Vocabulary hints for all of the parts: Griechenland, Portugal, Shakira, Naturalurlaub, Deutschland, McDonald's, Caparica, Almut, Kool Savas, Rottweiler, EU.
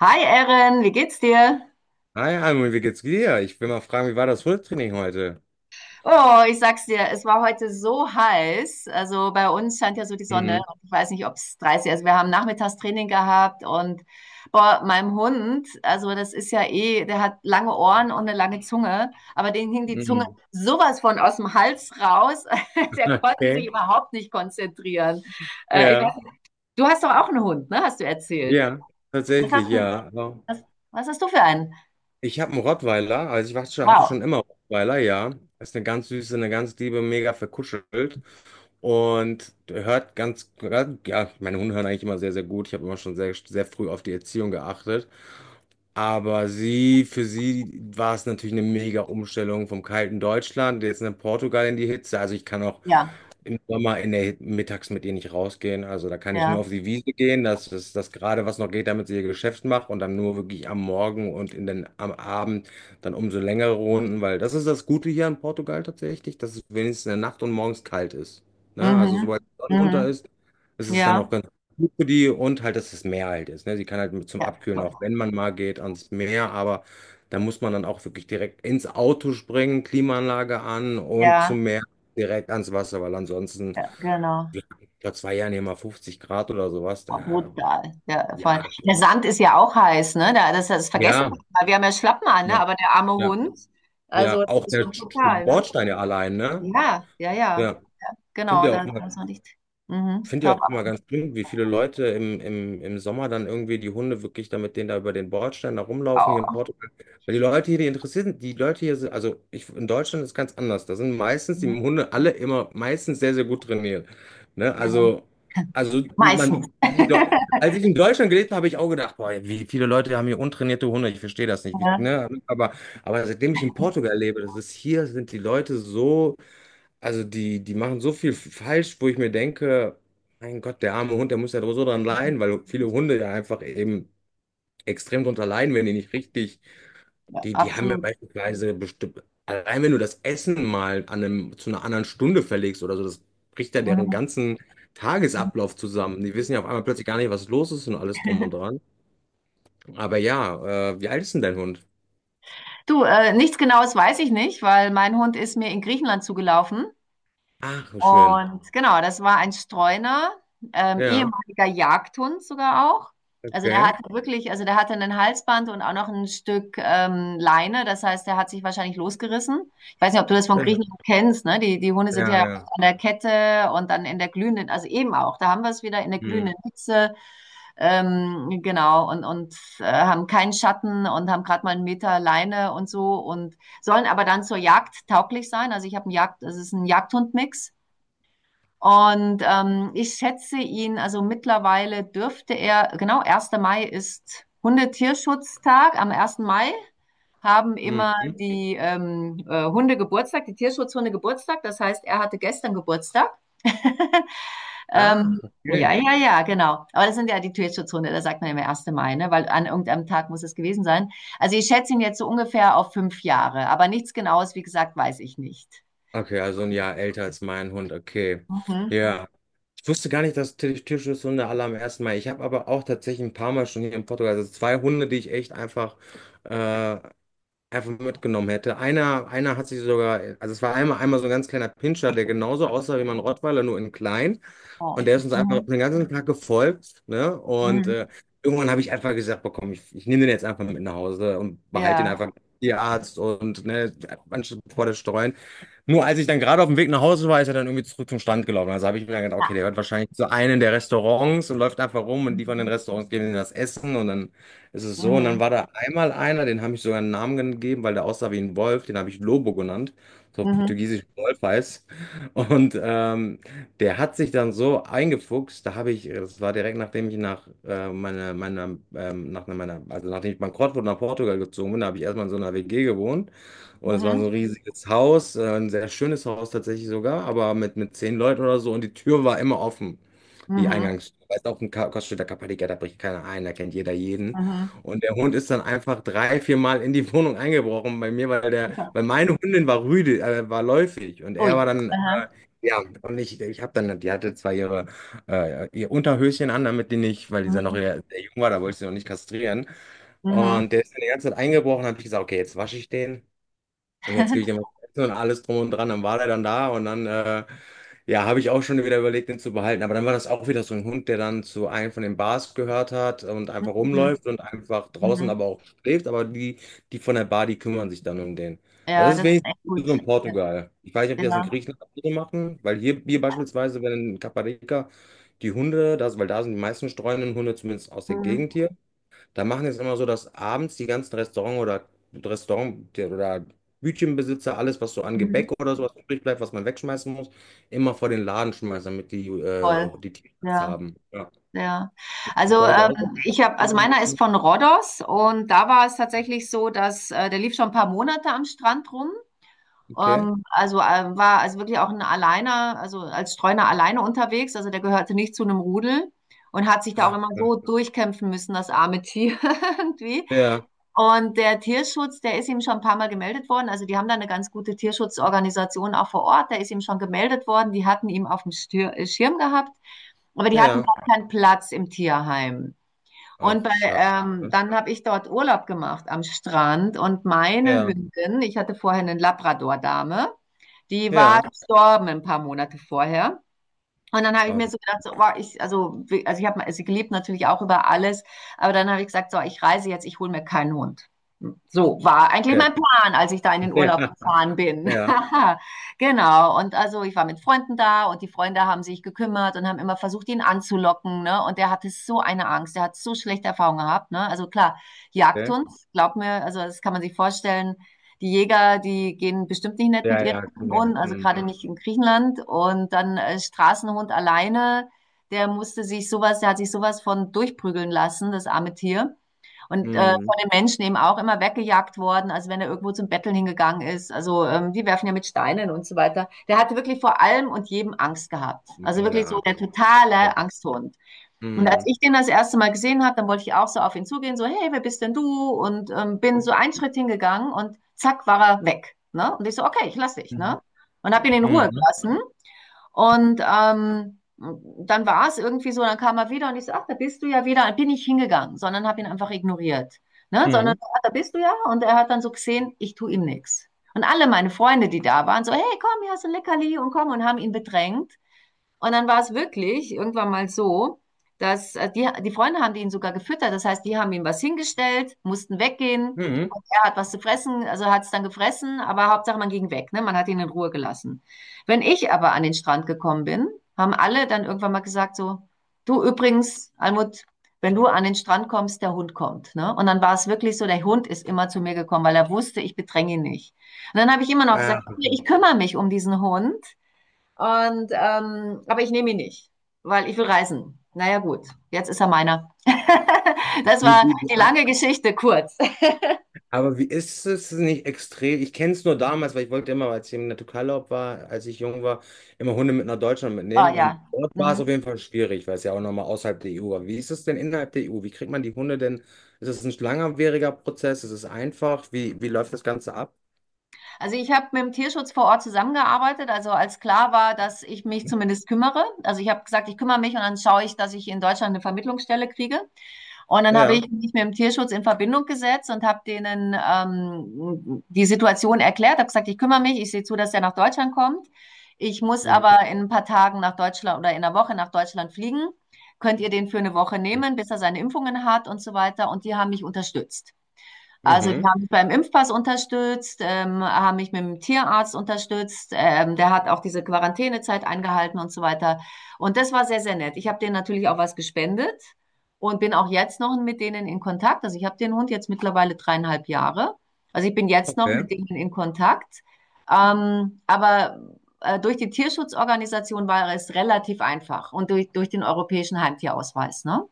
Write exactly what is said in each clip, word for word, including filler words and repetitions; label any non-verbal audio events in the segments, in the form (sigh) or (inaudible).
Hi Erin, wie geht's dir? Hi, Almut, wie geht's dir? Ich will mal fragen, wie war das Hundetraining heute? Oh, ich sag's dir, es war heute so heiß. Also bei uns scheint ja so die Sonne. Mhm. Und Ich weiß nicht, ob es dreißig ist. Also wir haben Nachmittagstraining gehabt und boah, meinem Hund, also das ist ja eh, der hat lange Ohren und eine lange Zunge, aber dem hing die Zunge Mhm. sowas von aus dem Hals raus. (laughs) (laughs) Der konnte sich Okay. überhaupt nicht konzentrieren. Äh, ich weiß Ja, nicht, du hast doch auch einen Hund, ne? Hast du erzählt? ja, Was tatsächlich, hast du, ja. Also, was, was hast du für einen? ich habe einen Rottweiler, also ich war schon, hatte schon Wow. immer Rottweiler, ja. Ist eine ganz süße, eine ganz liebe, mega verkuschelt und hört ganz, ja, meine Hunde hören eigentlich immer sehr, sehr gut. Ich habe immer schon sehr, sehr früh auf die Erziehung geachtet. Aber sie, für sie war es natürlich eine mega Umstellung vom kalten Deutschland, jetzt in Portugal in die Hitze. Also ich kann auch Ja, im Sommer in der, mittags mit ihr nicht rausgehen. Also da kann ich nur auf ja. die Wiese gehen, dass es das gerade was noch geht, damit sie ihr Geschäft macht und dann nur wirklich am Morgen und in den, am Abend dann umso längere Runden, weil das ist das Gute hier in Portugal tatsächlich, dass es wenigstens in der Nacht und morgens kalt ist. Ne? Also sobald Mhm. die Sonne unter Mhm. ist, es ist dann auch Ja, ganz gut für die und halt, dass es Meer halt ist. Ne? Sie kann halt mit zum ja, Abkühlen auch, wenn man mal geht, ans Meer, aber da muss man dann auch wirklich direkt ins Auto springen, Klimaanlage an und ja, zum Meer direkt ans Wasser, weil ansonsten, ja, genau. ja, vor zwei Jahren hier mal fünfzig Grad oder sowas, Oh, da, brutal. Ja, voll. ja, Der ja, Sand ist ja auch heiß, ne? Da, das, das vergessen wir ja, mal. Wir haben ja Schlappen an, ne? Aber der arme ja, Hund, also ja, das auch ist der schon Sch- brutal, ne? Bordstein ja allein, ne? Ja, ja, ja. Ja, Ja, finde genau, ich da auch immer muss man nicht. Mhm, finde ich top ja auch immer ganz schlimm, wie viele Leute im, im, im Sommer dann irgendwie die Hunde wirklich da mit denen da über den Bordstein da rumlaufen hier in auch. Portugal. Weil die Leute hier, die interessieren, die Leute hier sind, also ich, in Deutschland ist ganz anders. Da sind meistens die Mhm, Hunde alle immer meistens sehr, sehr gut trainiert. Ne? Ja, Also, also meistens. man, in Deu- (laughs) als ich in Deutschland gelebt habe, habe ich auch gedacht, boah, wie viele Leute haben hier untrainierte Hunde, ich verstehe das nicht. Wie, Ja, ne? Aber, aber seitdem ich in Portugal lebe, das ist hier, sind die Leute so. Also die, die machen so viel falsch, wo ich mir denke, mein Gott, der arme Hund, der muss ja so dran leiden, weil viele Hunde ja einfach eben extrem drunter leiden, wenn die nicht richtig, ja, die, die haben ja absolut. beispielsweise bestimmt, allein wenn du das Essen mal an einem, zu einer anderen Stunde verlegst oder so, das bricht ja deren Mhm. ganzen Tagesablauf zusammen. Die wissen ja auf einmal plötzlich gar nicht, was los ist und alles drum und dran. Aber ja, äh, wie alt ist denn dein Hund? Du, äh, nichts Genaues weiß ich nicht, weil mein Hund ist mir in Griechenland zugelaufen. Ach, wie schön. Und genau, das war ein Streuner, ähm, Ja, ehemaliger Jagdhund sogar auch. Also der okay. hatte wirklich, also der hatte ein Halsband und auch noch ein Stück ähm, Leine. Das heißt, der hat sich wahrscheinlich losgerissen. Ich weiß nicht, ob du das von Ja, Griechenland kennst, ne? Die, die Hunde sind ja. ja ja. an der Kette und dann in der glühenden, also eben auch, da haben wir es wieder in der Hm. glühenden Hitze, ähm, genau, und, und äh, haben keinen Schatten und haben gerade mal einen Meter Leine und so und sollen aber dann zur Jagd tauglich sein. Also ich habe einen Jagd, es ist ein Jagdhundmix. Und ähm, ich schätze ihn, also mittlerweile dürfte er, genau, Erster Mai ist Hundetierschutztag. Am ersten Mai haben immer Mhm. die ähm, äh, Hunde Geburtstag, die Tierschutzhunde Geburtstag. Das heißt, er hatte gestern Geburtstag. (laughs) Ah, ähm, ja, okay. ja, ja, genau. Aber das sind ja die Tierschutzhunde, da sagt man immer Erster Mai, ne? weil an irgendeinem Tag muss es gewesen sein. Also ich schätze ihn jetzt so ungefähr auf fünf Jahre, aber nichts Genaues, wie gesagt, weiß ich nicht. Okay, also ein Jahr älter als mein Hund, okay. Ja. Mhm. Ja. Ich wusste gar nicht, dass Tier- Tierschutzhunde alle am ersten Mal. Ich habe aber auch tatsächlich ein paar Mal schon hier in Portugal, also zwei Hunde, die ich echt einfach, äh, einfach mitgenommen hätte. Einer, einer hat sich sogar, also es war einmal, einmal so ein ganz kleiner Pinscher, der genauso aussah wie mein Rottweiler, nur in klein. Und Oh. der ist uns einfach Mhm. den ganzen Tag gefolgt, ne? Und äh, Mhm. irgendwann habe ich einfach gesagt, boah, komm, ich, ich nehme den jetzt einfach mit nach Hause und behalte den Ja. einfach Tierarzt und ne, anstatt vor der Streuen. Nur als ich dann gerade auf dem Weg nach Hause war, ist er dann irgendwie zurück zum Stand gelaufen. Also habe ich mir dann gedacht, okay, der Ja. wird wahrscheinlich zu einem der Restaurants und läuft einfach rum und die von den Mhm. Restaurants geben ihm das Essen und dann ist es so. Und dann Mhm. war da einmal einer, den habe ich sogar einen Namen gegeben, weil der aussah wie ein Wolf, den habe ich Lobo genannt, so auf Mhm. portugiesisch Wolf heißt. Und ähm, der hat sich dann so eingefuchst, da habe ich, das war direkt nachdem ich nach äh, meiner, meiner, ähm, nach meiner, also nachdem ich bankrott wurde nach Portugal gezogen bin, da habe ich erstmal in so einer W G gewohnt. Und es war so Mhm. ein riesiges Haus, äh, ein sehr schönes Haus tatsächlich sogar, aber mit, mit zehn Leuten oder so. Und die Tür war immer offen, die Mhm. Eingangstür. Weißt auch ein Ka- Koststädter Kapadiker, da bricht keiner ein, da kennt jeder jeden. Mhm. Und der Hund ist dann einfach drei, vier Mal in die (laughs) Wohnung eingebrochen bei mir, weil der, Ja. weil meine Hündin war rüde, äh, war läufig und er Ui. war dann Aha. ja, und ich, ich habe dann, die hatte zwar ihre, äh, ihr Unterhöschen an, damit die nicht, weil die dann noch Mhm. sehr sehr jung war, da wollte ich sie noch nicht kastrieren. Mhm. Und der ist dann die ganze Zeit eingebrochen, habe ich gesagt, okay, jetzt wasche ich den. Und jetzt gebe ich dem was (laughs) zu essen und alles drum und dran. Dann war der dann da und dann, äh, ja, habe ich auch schon wieder überlegt, den zu behalten. Aber dann war das auch wieder so ein Hund, der dann zu einem von den Bars gehört hat und einfach Mhm. rumläuft und einfach draußen Mhm. aber auch schläft. Aber die, die von der Bar, die kümmern sich dann um den. Also Ja, das ist das ist wenigstens echt gut. so in Portugal. Ich weiß nicht, ob die das in Ja. Griechenland auch so machen, weil hier, hier beispielsweise, wenn in Caparica die Hunde, das, weil da sind die meisten streunenden Hunde, zumindest aus der Mhm. Gegend hier da machen jetzt immer so, dass abends die ganzen Restaurant oder Restaurant oder Bütchenbesitzer alles, was so an Mhm. Gebäck oder sowas übrig bleibt, was man wegschmeißen muss, immer vor den Laden schmeißen, damit die Toll. äh, die Tiere das Ja, haben. Ja. ja. Ist das bei Also euch ähm, auch so? ich habe, also meiner ist von Rhodos und da war es tatsächlich so, dass äh, der lief schon ein paar Monate am Strand rum. Okay. Ähm, also äh, war also wirklich auch ein Alleiner, also als Streuner alleine unterwegs. Also der gehörte nicht zu einem Rudel und hat sich da auch Ah, immer ja, so durchkämpfen müssen, das arme Tier (laughs) irgendwie. ja. Und der Tierschutz, der ist ihm schon ein paar Mal gemeldet worden. Also die haben da eine ganz gute Tierschutzorganisation auch vor Ort. Der ist ihm schon gemeldet worden. Die hatten ihn auf dem Stir äh, Schirm gehabt, aber die hatten ja. gar keinen Platz im Tierheim. Und Ach, bei, schade. Ähm, dann habe ich dort Urlaub gemacht am Strand und meine Ja, Hündin, ich hatte vorher eine Labrador-Dame, die war ja. gestorben ein paar Monate vorher. Und dann habe ich Oh, mir wie- so gedacht, so, boah, ich, also, wie- also ich habe sie gelebt natürlich auch über alles, aber dann habe ich gesagt, so, ich reise jetzt, ich hole mir keinen Hund. So war eigentlich okay. mein Plan, als ich da in den Urlaub (laughs) Ja, gefahren bin. ja, (laughs) Genau. Und also ich war mit Freunden da und die Freunde haben sich gekümmert und haben immer versucht, ihn anzulocken, ne? Und der hatte so eine Angst, der hat so schlechte Erfahrungen gehabt, ne? Also klar, okay. Jagdhund, glaub mir, also das kann man sich vorstellen, die Jäger, die gehen bestimmt nicht nett mit Ja, ihren ja, kann ja. Wohnen, also gerade Mhm. nicht in Griechenland. Und dann äh, Straßenhund alleine, der musste sich sowas, der hat sich sowas von durchprügeln lassen, das arme Tier. Und äh, Mhm. von den Menschen eben auch immer weggejagt worden, also wenn er irgendwo zum Betteln hingegangen ist. Also ähm, die werfen ja mit Steinen und so weiter. Der hatte wirklich vor allem und jedem Angst gehabt. Also Mann, wirklich der so Arm. der Ja. totale Angsthund. Und als Mhm. ich den das erste Mal gesehen habe, dann wollte ich auch so auf ihn zugehen, so, hey, wer bist denn du? Und ähm, bin so einen Schritt hingegangen und zack, war er weg. Ne? Und ich so, okay, ich lasse dich. Mhm. Ne? Und habe ihn in Ruhe Mhm. gelassen. Und ähm, dann war es irgendwie so, dann kam er wieder und ich so, ach, da bist du ja wieder. Dann bin ich hingegangen, sondern habe ihn einfach ignoriert. Ne? Sondern, Mhm. ach, da bist du ja. Und er hat dann so gesehen, ich tue ihm nichts. Und alle meine Freunde, die da waren, so, hey, komm, hier hast du ein Leckerli und komm und haben ihn bedrängt. Und dann war es wirklich irgendwann mal so, dass äh, die, die Freunde haben ihn sogar gefüttert. Das heißt, die haben ihm was hingestellt, mussten weggehen. Mhm. Und er hat was zu fressen, also hat es dann gefressen, aber Hauptsache man ging weg, ne? Man hat ihn in Ruhe gelassen. Wenn ich aber an den Strand gekommen bin, haben alle dann irgendwann mal gesagt so, du übrigens, Almut, wenn du an den Strand kommst, der Hund kommt, ne? Und dann war es wirklich so, der Hund ist immer zu mir gekommen, weil er wusste, ich bedränge ihn nicht. Und dann habe ich immer noch Ah. gesagt, okay, ich kümmere mich um diesen Hund. Und, ähm, aber ich nehme ihn nicht, weil ich will reisen. Naja, gut, jetzt ist er meiner. (laughs) Das Wie- war wie- wie- die lange Geschichte, kurz. Aber wie ist es nicht extrem? Ich kenne es nur damals, weil ich wollte immer, als ich im Naturalurlaub war, als ich jung war, immer Hunde mit nach Deutschland Oh mitnehmen. Und ja. dort war es auf Mhm. jeden Fall schwierig, weil es ja auch nochmal außerhalb der E U war. Wie ist es denn innerhalb der E U? Wie kriegt man die Hunde denn? Ist es ein langwieriger Prozess? Ist es einfach? Wie, wie läuft das Ganze ab? Also ich habe mit dem Tierschutz vor Ort zusammengearbeitet, also als klar war, dass ich mich zumindest kümmere. Also ich habe gesagt, ich kümmere mich und dann schaue ich, dass ich in Deutschland eine Vermittlungsstelle kriege. Und dann habe Ja. ich mich mit dem Tierschutz in Verbindung gesetzt und habe denen ähm, die Situation erklärt, habe gesagt, ich kümmere mich, ich sehe zu, dass er nach Deutschland kommt. Ich muss Mhm. aber in ein paar Tagen nach Deutschland oder in einer Woche nach Deutschland fliegen. Könnt ihr den für eine Woche nehmen, bis er seine Impfungen hat und so weiter? Und die haben mich unterstützt. Also die Mhm. haben mich beim Impfpass unterstützt, ähm, haben mich mit dem Tierarzt unterstützt. Ähm, der hat auch diese Quarantänezeit eingehalten und so weiter. Und das war sehr, sehr nett. Ich habe denen natürlich auch was gespendet und bin auch jetzt noch mit denen in Kontakt. Also ich habe den Hund jetzt mittlerweile dreieinhalb Jahre. Also ich bin jetzt noch Okay. mit denen in Kontakt. Ähm, aber äh, Durch die Tierschutzorganisation war es relativ einfach und durch, durch den europäischen Heimtierausweis, ne?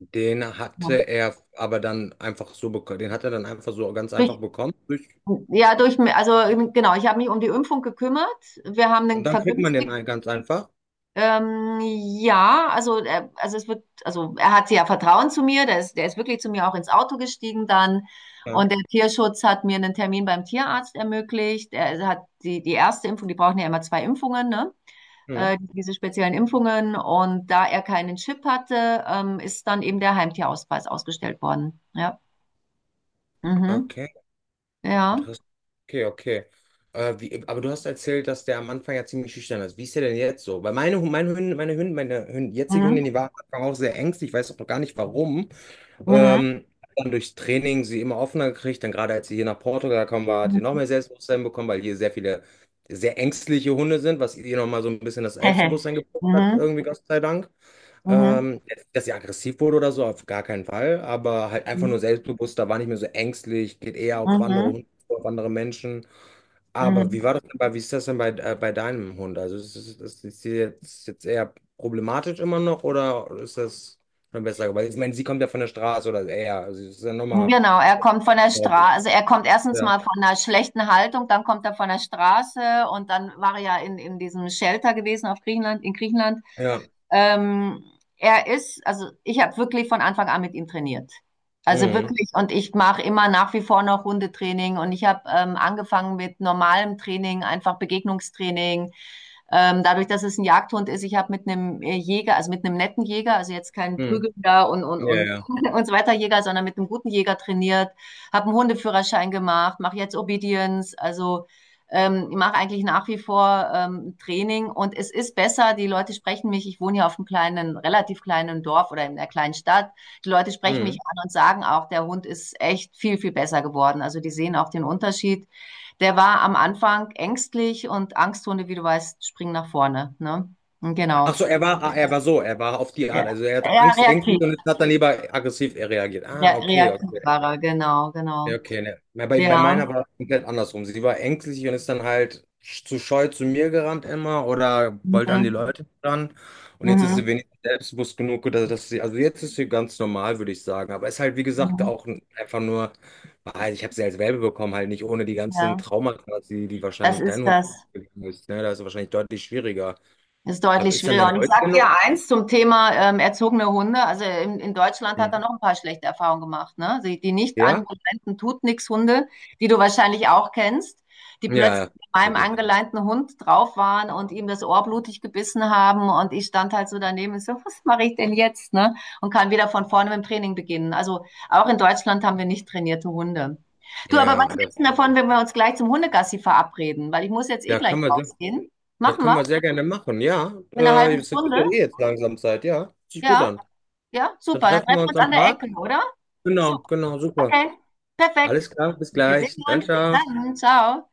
Den Ja. hatte er aber dann einfach so bekommen. Den hat er dann einfach so ganz Durch, einfach bekommen. Durch- Ja, durch, also ähm, genau, ich habe mich um die Impfung gekümmert. Wir haben Und den dann kriegt man den vergünstigt. ein- ganz einfach. Ähm, ja, also, er, also es wird, also er hat ja Vertrauen zu mir, der ist, der ist wirklich zu mir auch ins Auto gestiegen dann. Ja. Und der Tierschutz hat mir einen Termin beim Tierarzt ermöglicht. Er hat die, die erste Impfung, die brauchen ja immer zwei Impfungen, ne? Mhm. Äh, diese speziellen Impfungen. Und da er keinen Chip hatte, ähm, ist dann eben der Heimtierausweis ausgestellt worden. Ja. Mhm. Okay. Ja. Interessant. Okay, okay. Äh, wie, aber du hast erzählt, dass der am Anfang ja ziemlich schüchtern ist. Wie ist der denn jetzt so? Weil meine, Hu- meine Hündin, meine Hündin, meine Hündin, jetzige Mhm. Hündin, die war am Anfang auch sehr ängstlich. Ich weiß auch noch gar nicht warum. Mhm. Ähm, dann durchs Training sie immer offener gekriegt. Dann gerade als sie hier nach Portugal gekommen war, hat sie noch Mhm. mehr Selbstbewusstsein bekommen, weil hier sehr viele sehr ängstliche Hunde sind, was ihr nochmal so ein bisschen das (laughs) Selbstbewusstsein gebracht hat, Mhm, irgendwie, Gott sei Dank. mhm, Ähm, jetzt, dass sie aggressiv wurde oder so, auf gar keinen Fall, aber halt einfach mhm, nur selbstbewusster, war nicht mehr so ängstlich, geht eher auf andere mhm, Hunde, auf andere Menschen. Aber wie war mhm. das denn bei, wie ist das denn bei, äh, bei deinem Hund? Also ist, ist, ist, ist sie jetzt, jetzt eher problematisch immer noch oder ist das schon besser geworden? Ich meine, sie kommt ja von der Straße oder eher, also das ist ja nochmal, Genau, er kommt von der glaube Straße, ich. also er kommt erstens Ja, mal von einer schlechten Haltung, dann kommt er von der Straße und dann war er ja in, in diesem Shelter gewesen auf Griechenland, in Griechenland. ja, Ähm, Er ist, also ich habe wirklich von Anfang an mit ihm trainiert. Also mhm. wirklich, und ich mache immer nach wie vor noch Hundetraining und ich habe ähm, angefangen mit normalem Training, einfach Begegnungstraining. Ähm, dadurch, dass es ein Jagdhund ist, ich habe mit einem Jäger, also mit einem netten Jäger, also jetzt kein Mhm. Prügelnder und, und, Ja, und, ja. (laughs) und so weiter Jäger, sondern mit einem guten Jäger trainiert, habe einen Hundeführerschein gemacht, mache jetzt Obedience, also ähm, ich mache eigentlich nach wie vor ähm, Training und es ist besser, die Leute sprechen mich, ich wohne hier auf einem kleinen, relativ kleinen Dorf oder in einer kleinen Stadt, die Leute sprechen mich Mhm. an und sagen auch, der Hund ist echt viel, viel besser geworden. Also die sehen auch den Unterschied. Der war am Anfang ängstlich und Angsthunde, wie du weißt, springen nach vorne. Ne? Ach Genau. so, er war, ah, er war so, er war auf die Ja, Art. Also er hatte ja Angst, Ängste reaktiv. und hat dann lieber aggressiv reagiert. Ja, Ah, okay, reaktiv okay. war er, genau, genau. Ja, okay, ne. Bei, bei bei Ja. meiner war es komplett andersrum. Sie war ängstlich und ist dann halt sch- zu scheu zu mir gerannt immer oder wollte an die Mhm. Leute ran. Und jetzt ist sie Mhm. wenigstens selbstbewusst genug, dass, dass sie, also jetzt ist sie ganz normal, würde ich sagen. Aber ist halt, wie gesagt, Mhm. auch ein- einfach nur, weil ich habe sie als Welpe bekommen, halt nicht ohne die ganzen Ja. Traumata, die, die Das wahrscheinlich dein ist Hund das. gegangen ist. Ne? Da ist es wahrscheinlich deutlich schwieriger. Ist Aber deutlich ist dann schwieriger. dein Und ich Hund sage dir genommen? eins zum Thema ähm, erzogene Hunde. Also in, in Deutschland hat er noch ein paar schlechte Erfahrungen gemacht, ne? Die, die nicht Ja? angeleinten tut nix Hunde, die du wahrscheinlich auch kennst, die Ja, plötzlich ja. mit meinem Bitte. angeleinten Hund drauf waren und ihm das Ohr blutig gebissen haben und ich stand halt so daneben und so, was mache ich denn jetzt, ne? Und kann wieder von vorne mit dem Training beginnen. Also auch in Deutschland haben wir nicht trainierte Hunde. Du, aber Ja, was das, gibt's denn davon, wenn wir uns gleich zum Hundegassi verabreden? Weil ich muss jetzt eh ja, gleich können wir sehr, rausgehen. ja, Machen können wir. wir sehr gerne machen. Ja, In einer äh, halben es wird ja Stunde? eh jetzt langsam Zeit. Ja, hört sich gut Ja, an. ja, Dann super. Dann treffen treffen wir wir uns uns an am der Ecke, Park. oder? Genau, Super. genau, super. Okay, perfekt. Alles klar, bis Wir gleich. sehen Dann, uns. Bis ciao. dann. Ciao.